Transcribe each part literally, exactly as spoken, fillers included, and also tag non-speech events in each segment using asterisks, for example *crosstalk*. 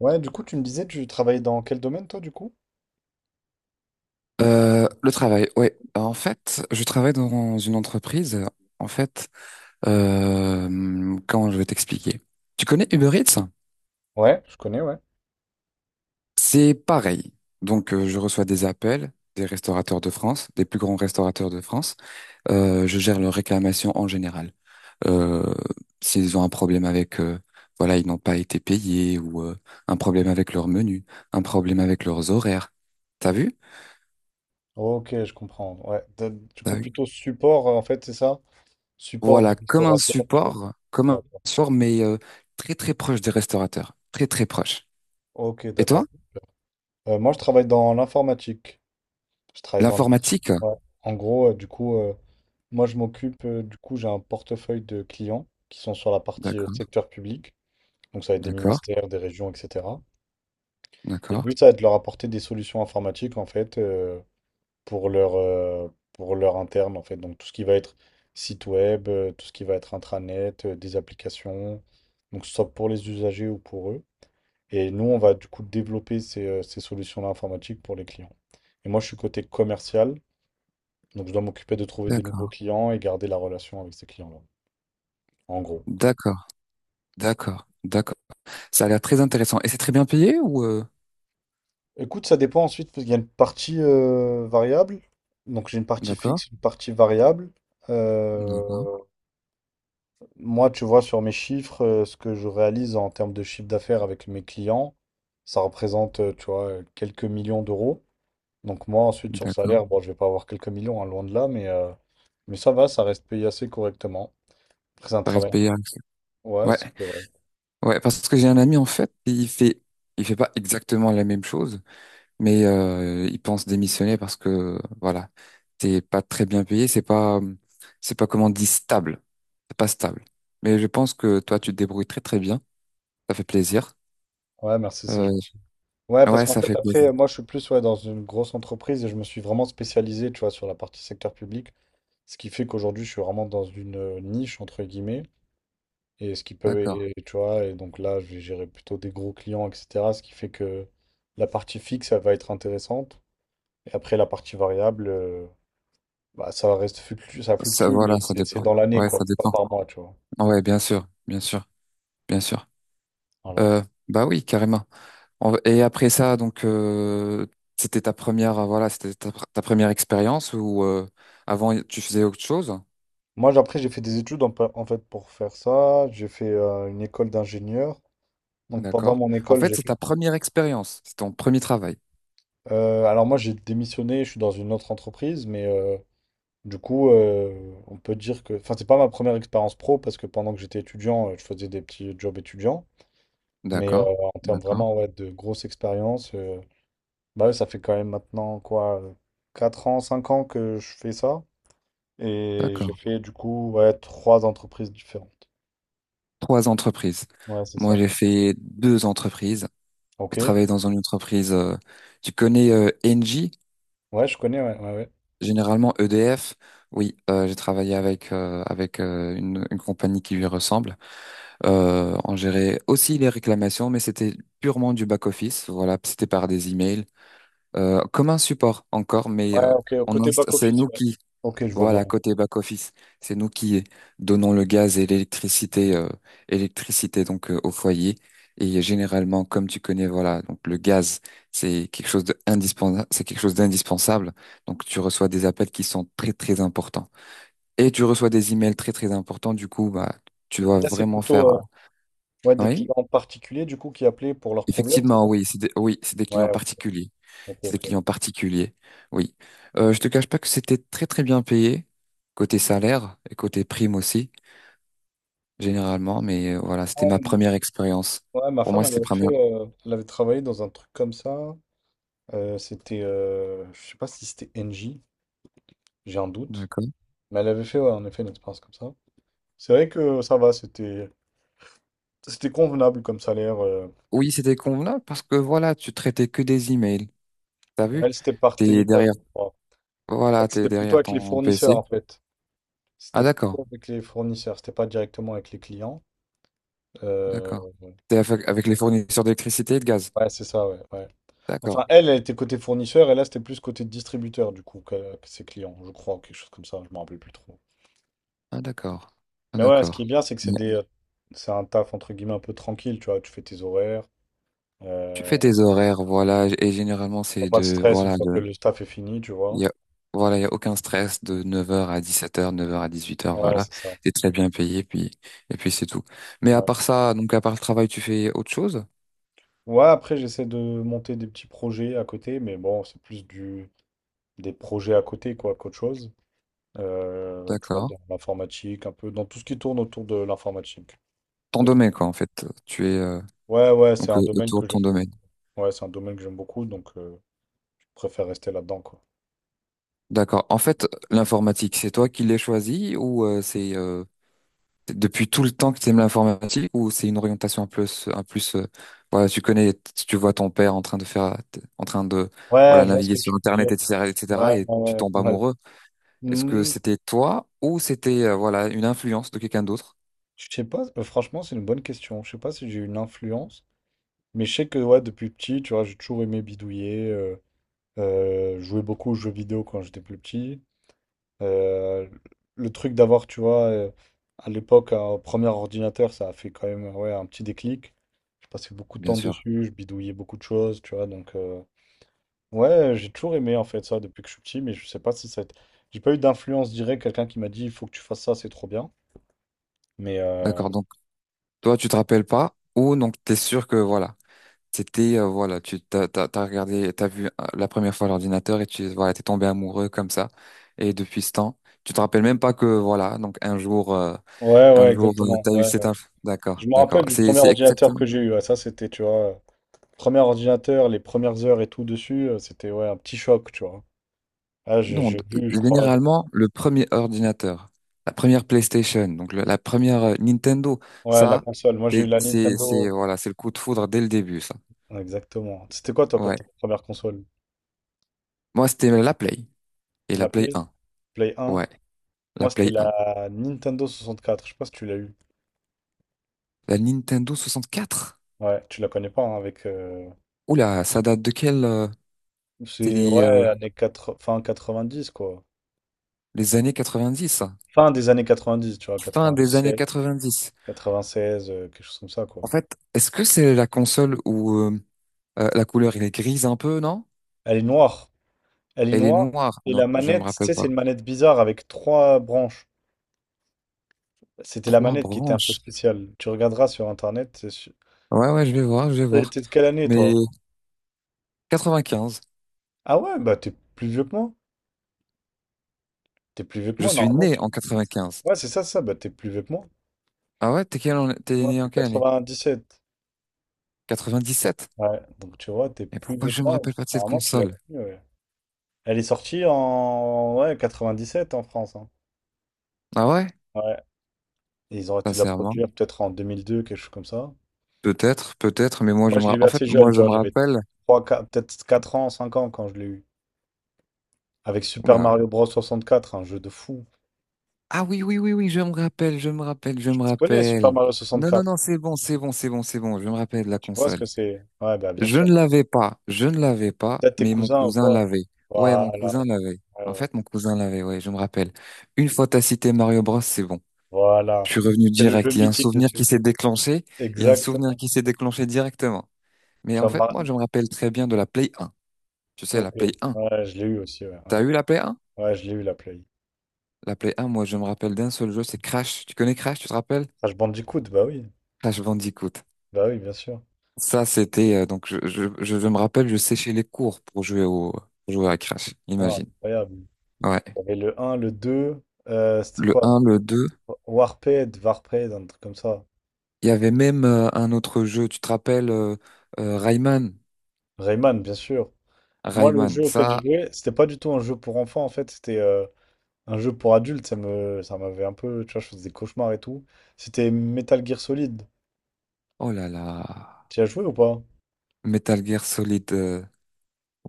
Ouais, du coup, tu me disais, tu travailles dans quel domaine, toi, du coup? Euh, le travail, ouais. En fait, je travaille dans une entreprise. En fait, euh, comment je vais t'expliquer? Tu connais Uber Eats? Ouais, je connais, ouais. C'est pareil. Donc, euh, je reçois des appels des restaurateurs de France, des plus grands restaurateurs de France. Euh, je gère leurs réclamations en général. Euh, S'ils ont un problème avec, euh, voilà, ils n'ont pas été payés, ou euh, un problème avec leur menu, un problème avec leurs horaires. T'as vu? Ok, je comprends. Ouais, de- du coup, plutôt support, euh, en fait, c'est ça? Support Voilà, des comme un restaurateurs, tu vois. support, comme un D'accord. support, mais euh, très très proche des restaurateurs, très très proche. Ok, Et toi, d'accord. Euh, moi, je travaille dans l'informatique. Je travaille dans l'informatique. l'informatique? Ouais. En gros, euh, du coup, euh, moi, je m'occupe, euh, du coup, j'ai un portefeuille de clients qui sont sur la partie euh, D'accord, secteur public. Donc, ça va être des d'accord, ministères, des régions, et cetera. Et le d'accord, but, ça va être de leur apporter des solutions informatiques, en fait, euh, pour leur, euh, pour leur interne, en fait. Donc, tout ce qui va être site web, euh, tout ce qui va être intranet, euh, des applications, donc, que ce soit pour les usagers ou pour eux. Et nous, on va du coup développer ces, euh, ces solutions-là informatiques pour les clients. Et moi, je suis côté commercial, donc je dois m'occuper de trouver des nouveaux d'accord, clients et garder la relation avec ces clients-là, en gros. d'accord, d'accord, d'accord. Ça a l'air très intéressant. Et c'est très bien payé, ou euh, Écoute, ça dépend ensuite, parce qu'il y a une partie euh, variable. Donc j'ai une partie d'accord, fixe, une partie variable. d'accord, Euh, Moi, tu vois, sur mes chiffres, euh, ce que je réalise en termes de chiffre d'affaires avec mes clients, ça représente, euh, tu vois, euh, quelques millions d'euros. Donc moi, ensuite, sur le d'accord. salaire, bon, je vais pas avoir quelques millions, hein, loin de là, mais, euh, mais ça va, ça reste payé assez correctement. Après, c'est un Ça reste travail. payé avec- Ouais, c'est Ouais, correct. ouais, parce que j'ai un ami en fait, il fait, il fait pas exactement la même chose, mais euh, ils pensent démissionner parce que voilà, t'es pas très bien payé, c'est pas c'est pas, comment on dit, stable, c'est pas stable. Mais je pense que toi, tu te débrouilles très très bien, ça fait plaisir. Ouais, merci, c'est Euh, gentil. Ouais, parce ouais, qu'en ça fait, fait plaisir. après, moi, je suis plus ouais, dans une grosse entreprise et je me suis vraiment spécialisé, tu vois, sur la partie secteur public, ce qui fait qu'aujourd'hui, je suis vraiment dans une euh, niche, entre guillemets. Et ce qui peut, D'accord. et- et tu vois, et donc là, je vais gérer plutôt des gros clients, et cetera. Ce qui fait que la partie fixe, elle va être intéressante. Et après, la partie variable, euh, bah, ça reste fluctue, ça Ça, fluctue, voilà, mais ça c'est c'est dépend. dans l'année, Ouais, quoi. ça C'est pas dépend. par mois, tu vois. Ouais, bien sûr, bien sûr, bien sûr. Voilà. Euh, Bah oui, carrément. On- Et après ça, donc euh, c'était ta première, voilà, c'était ta, ta première expérience, ou euh, avant tu faisais autre chose? Moi, j'- après, j'ai fait des études en, pa- en fait pour faire ça. J'ai fait euh, une école d'ingénieur. Donc pendant D'accord. mon En école, fait, j'ai c'est ta fait. première expérience, c'est ton premier travail. Euh, alors moi, j'ai démissionné, je suis dans une autre entreprise, mais euh, du coup, euh, on peut dire que, enfin, c'est pas ma première expérience pro parce que pendant que j'étais étudiant, euh, je faisais des petits jobs étudiants. Mais euh, D'accord. en termes D'accord. vraiment ouais, de grosse expérience, euh, bah, ouais, ça fait quand même maintenant quoi, euh, quatre ans, cinq ans que je fais ça. Et j'ai D'accord. fait du coup ouais, trois entreprises différentes. Trois entreprises. Ouais, c'est Moi, ça. j'ai fait deux entreprises. J'ai Ok. travaillé dans une entreprise, euh, tu connais euh, Engie, Ouais, je connais, ouais, ouais, ouais. généralement E D F. Oui, euh, j'ai travaillé avec euh, avec euh, une, une compagnie qui lui ressemble. Euh, on gérait aussi les réclamations, mais c'était purement du back office. Voilà, c'était par des emails, euh, comme un support encore, mais Ouais, euh, ok, au on côté inst- c'est back-office, nous ouais. qui, Ok, je vois bien. voilà, côté back-office, c'est nous qui donnons le gaz et l'électricité, euh, électricité donc euh, au foyer. Et généralement, comme tu connais, voilà, donc le gaz, c'est quelque chose de indispensable, c'est quelque chose d'indispensable. Donc tu reçois des appels qui sont très très importants, et tu reçois des emails très très importants. Du coup, bah, tu dois Là, c'est vraiment plutôt faire, euh, euh, ouais, des oui, clients particuliers du coup qui appelaient pour leurs problèmes, c'est effectivement, ça? oui, c'est des, oui, c'est des clients Ouais, particuliers, ok, c'est des ok. clients particuliers. Oui, euh, je te cache pas que c'était très très bien payé côté salaire et côté prime aussi, généralement, mais euh, voilà, c'était ma première expérience. Ouais, ma Pour moi, femme, elle c'était avait prendre... fait, euh, elle avait travaillé dans un truc comme ça. Euh, c'était, euh, je sais pas si c'était N J, j'ai un doute. D'accord. Mais elle avait fait, ouais, en effet, une expérience comme ça. C'est vrai que ça va, c'était, c'était convenable comme salaire, euh. Oui, c'était convenable parce que voilà, tu traitais que des emails. T'as Ouais, vu? elle, c'était par T'es téléphone, derrière, je crois. En voilà, t'es C'était plutôt derrière avec les ton P C. fournisseurs, en fait. Ah, C'était d'accord, plutôt avec les fournisseurs, c'était pas directement avec les clients. d'accord. Euh, T'es avec avec les fournisseurs d'électricité et de gaz. ouais, c'est ça, ouais, ouais. Enfin, D'accord. elle, elle était côté fournisseur, et là, c'était plus côté distributeur, du coup, que, que ses clients, je crois, ou quelque chose comme ça, je me rappelle plus trop. Ah, d'accord. Ah, Mais ouais, ce qui est d'accord. bien, c'est que c'est Ouais. des, euh, c'est un taf entre guillemets un peu tranquille, tu vois. Tu fais tes horaires, Tu fais euh, tes horaires, voilà, et généralement, t'as c'est pas de de, stress une voilà, fois que le taf est fini, tu Il vois. y a, voilà, il y a aucun stress, de neuf heures à dix sept heures, neuf heures à dix huit heures, Ouais, voilà. c'est ça. T'es très bien payé, puis, et puis c'est tout. Mais à Ouais. part ça, donc à part le travail, tu fais autre chose? Ouais, après, j'essaie de monter des petits projets à côté, mais bon, c'est plus du, des projets à côté, quoi, qu'autre chose. Euh, tu vois, D'accord. dans l'informatique, un peu, dans tout ce qui tourne autour de l'informatique. Ton Et toi domaine, quoi, en fait. Tu es, euh, ouais, ouais, c'est donc, euh, un domaine autour de que ton j'aime. domaine. Ouais, c'est un domaine que j'aime beaucoup, donc euh, je préfère rester là-dedans, quoi. D'accord. En fait, l'informatique, c'est toi qui l'as choisi, ou euh, c'est euh, c'est depuis tout le temps que tu aimes l'informatique, ou c'est une orientation, un plus, un plus, euh, voilà, tu connais, tu vois ton père en train de faire, en train de, Ouais, voilà, je vois ce naviguer que sur tu veux Internet, dire. et cetera, et cetera, et cetera, Ouais, et tu ouais, tombes ouais, amoureux. Est-ce que ouais. c'était toi, ou c'était euh, voilà, une influence de quelqu'un d'autre? Je sais pas, euh, franchement, c'est une bonne question. Je sais pas si j'ai eu une influence, mais je sais que ouais, depuis petit, tu vois, j'ai toujours aimé bidouiller, euh, euh, jouer beaucoup aux jeux vidéo quand j'étais plus petit. Euh, le truc d'avoir, tu vois, euh, à l'époque, un premier ordinateur, ça a fait quand même ouais, un petit déclic. Je passais beaucoup de Bien temps sûr. dessus, je bidouillais beaucoup de choses, tu vois, donc euh, ouais, j'ai toujours aimé en fait ça depuis que je suis petit, mais je sais pas si ça a été- j'ai pas eu d'influence directe, quelqu'un qui m'a dit, il faut que tu fasses ça, c'est trop bien. Mais euh, D'accord. Donc toi, tu te rappelles pas, ou donc t'es sûr que voilà, c'était euh, voilà, tu t'as t'as t'as regardé, t'as vu euh, la première fois l'ordinateur, et tu voilà, t'es tombé amoureux comme ça, et depuis ce temps, tu te rappelles même pas que voilà, donc un jour euh, ouais, un ouais, jour euh, exactement, t'as eu ouais. cette inf-. D'accord, Je me d'accord. rappelle du c'est premier c'est ordinateur exactement. que j'ai eu, ouais, ça, c'était, tu vois, euh, premier ordinateur, les premières heures et tout dessus, euh, c'était ouais, un petit choc, tu vois. Ah, j'ai Non, d- j'ai vu, je crois, le- généralement, le premier ordinateur, la première PlayStation, donc le- la première euh, Nintendo, Ouais, la ça, console. Moi, j'ai eu c'est, la c'est, c'est, Nintendo. voilà, c'est le coup de foudre dès le début, ça. Ouais, exactement. C'était quoi, toi, quand Ouais. ta première console? Moi, c'était la Play et la La Play Play? un, Play un? Ouais, la Moi, c'était Play un. la Nintendo soixante-quatre. Je sais pas si tu l'as eu. La Nintendo soixante quatre. Ouais, tu la connais pas, hein, avec, euh, Oula, ça date de quelle, euh, c'est c'est, les, ouais, euh, années quatre fin quatre-vingt-dix, quoi. les années dix, ça. Fin des années quatre-vingt-dix, tu vois, Fin des années quatre-vingt-dix-sept, quatre-vingt-dix. quatre-vingt-seize, euh, quelque chose comme ça, quoi. En fait, est-ce que c'est la console où, euh, euh, la couleur, elle est grise un peu, non? Elle est noire. Elle est Elle est noire. noire. Et Non, la je ne me manette, tu rappelle sais, c'est pas. une manette bizarre avec trois branches. C'était la Trois manette qui était un peu branches. spéciale. Tu regarderas sur Internet, c'est sûr. Ouais, ouais, je vais voir, je vais T'es voir. t'es de quelle année, Mais toi? quatre-vingt-quinze, Ah ouais, bah t'es plus vieux que moi. T'es plus vieux que je moi, suis normalement. né Tu... en quatre-vingt-quinze. *laughs* Ouais, c'est ça, ça. Bah t'es plus vieux que moi. Ah, ouais, t'es quelle an- t'es Moi, né en quelle année? je suis sept quatre-vingt-dix-sept. Ouais, donc tu vois, t'es Et plus pourquoi vieux que je me moi. rappelle pas de cette Normalement, tu l'as console? plus, ouais. Elle est sortie en ouais, sept en France, hein. Ah, ouais? Ouais. Et ils ont arrêté de la Sincèrement. produire peut-être en deux mille deux, quelque chose comme ça. Peut-être, peut-être, mais moi je Moi, me je l'ai rappelle. eu En fait, assez moi jeune, je tu vois. me J'avais rappelle. trois quatre peut-être quatre ans, cinq ans quand je l'ai eu. Avec Super Oula. Mario Bros. soixante-quatre, un jeu de fou. Ah, oui, oui, oui, oui, je me rappelle, je me rappelle, je me Tu connais Super rappelle. Mario Non, non, soixante-quatre? non, c'est bon, c'est bon, c'est bon, c'est bon, je me rappelle de la Tu vois ce console. que c'est? Ouais, bah bien Je sûr. ne l'avais pas, je ne l'avais pas, Peut-être tes mais mon cousins ou cousin quoi? l'avait. Ouais, mon Voilà. cousin l'avait. Ouais, En ouais. fait, mon cousin l'avait, ouais, je me rappelle. Une fois t'as cité Mario Bros, c'est bon. Je Voilà. suis revenu C'est le jeu direct. Il y a un mythique souvenir qui dessus. s'est déclenché. Il y a un souvenir Exactement. qui s'est déclenché directement. Mais Tu en vois, fait, Mar- moi, je me rappelle très bien de la Play un. Tu sais, la ok. Play un. Ouais, je l'ai eu aussi, ouais. T'as Ouais, eu la Play un? ouais, je l'ai eu, la Play. La Play un, moi, je me rappelle d'un seul jeu, c'est Crash. Tu connais Crash, tu te rappelles? Crash Bandicoot, bah oui. Crash Bandicoot. Bah oui, bien sûr. Ça, c'était, euh, donc, je, je, je me rappelle, je séchais les cours pour jouer au, pour jouer à Crash. Ah, Imagine. incroyable. Ouais. Il y avait le un le deux euh, c'était Le quoi? un, le deux. Warped, Warped, un truc comme ça. Il y avait même euh, un autre jeu, tu te rappelles, euh, euh, Rayman. Rayman, bien sûr. Moi, le Rayman, jeu auquel j'ai ça, joué, c'était pas du tout un jeu pour enfants, en fait, c'était euh, un jeu pour adultes, ça me, ça m'avait un peu, tu vois, je faisais des cauchemars et tout. C'était Metal Gear Solid. oh là là. Tu y as joué ou pas? Metal Gear Solid, euh,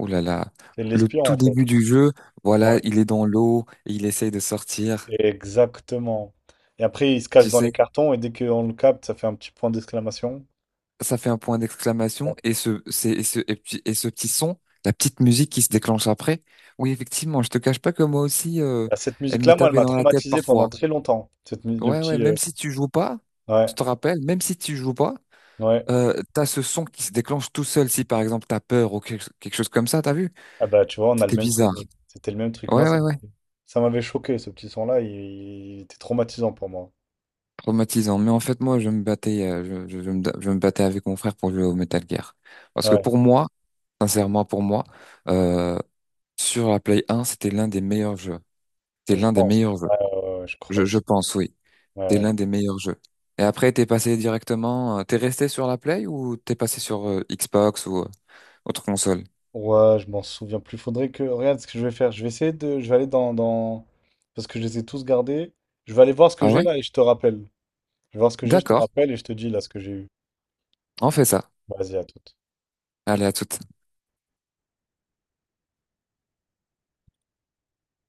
oh là là. C'est Le l'espion, tout en fait. début du jeu, voilà, Ouais. il est dans l'eau, et il essaye de sortir. Exactement. Et après, il se Tu cache dans sais, les cartons et dès qu'on le capte, ça fait un petit point d'exclamation. ça fait un point Ouais. d'exclamation, et ce, c'est, et ce, et puis- et ce petit son, la petite musique qui se déclenche après. Oui, effectivement, je te cache pas que moi aussi, euh, Bah, cette elle me musique-là, moi, elle tapait m'a dans la tête traumatisé parfois. pendant très longtemps. Cette mu- le Ouais, ouais, petit, même euh, si tu joues pas, je ouais, te rappelle, même si tu joues pas, ouais. euh, t'as ce son qui se déclenche tout seul, si par exemple t'as peur ou quelque, quelque chose comme ça, t'as vu? Ah bah tu vois, on a le C'était même bizarre. souvenir. C'était le même truc. Moi, Ouais, ça, ouais, ouais. ça m'avait choqué, ce petit son-là, il, il était traumatisant pour moi. Traumatisant. Mais en fait, moi, je me battais, euh, je, je- je me, je me battais avec mon frère pour jouer au Metal Gear. Parce que Ouais, pour moi, sincèrement, pour moi, euh, sur la Play un, c'était l'un des meilleurs jeux. C'était je l'un des pense. meilleurs jeux. Ouais, ouais, ouais, ouais, je crois Je, je aussi. pense, oui. Ouais, C'était ouais. l'un des meilleurs jeux. Et après, t'es passé directement, euh, t'es resté sur la Play, ou t'es passé sur euh, Xbox ou euh, autre console? Ouais, je m'en souviens plus. Faudrait que... Regarde ce que je vais faire. Je vais essayer de... Je vais aller dans, dans... Parce que je les ai tous gardés. Je vais aller voir ce Ah, que j'ai ouais? là et je te rappelle. Je vais voir ce que j'ai, je te D'accord. rappelle et je te dis là ce que j'ai eu. On fait ça. Vas-y, à tout. Allez, à toute.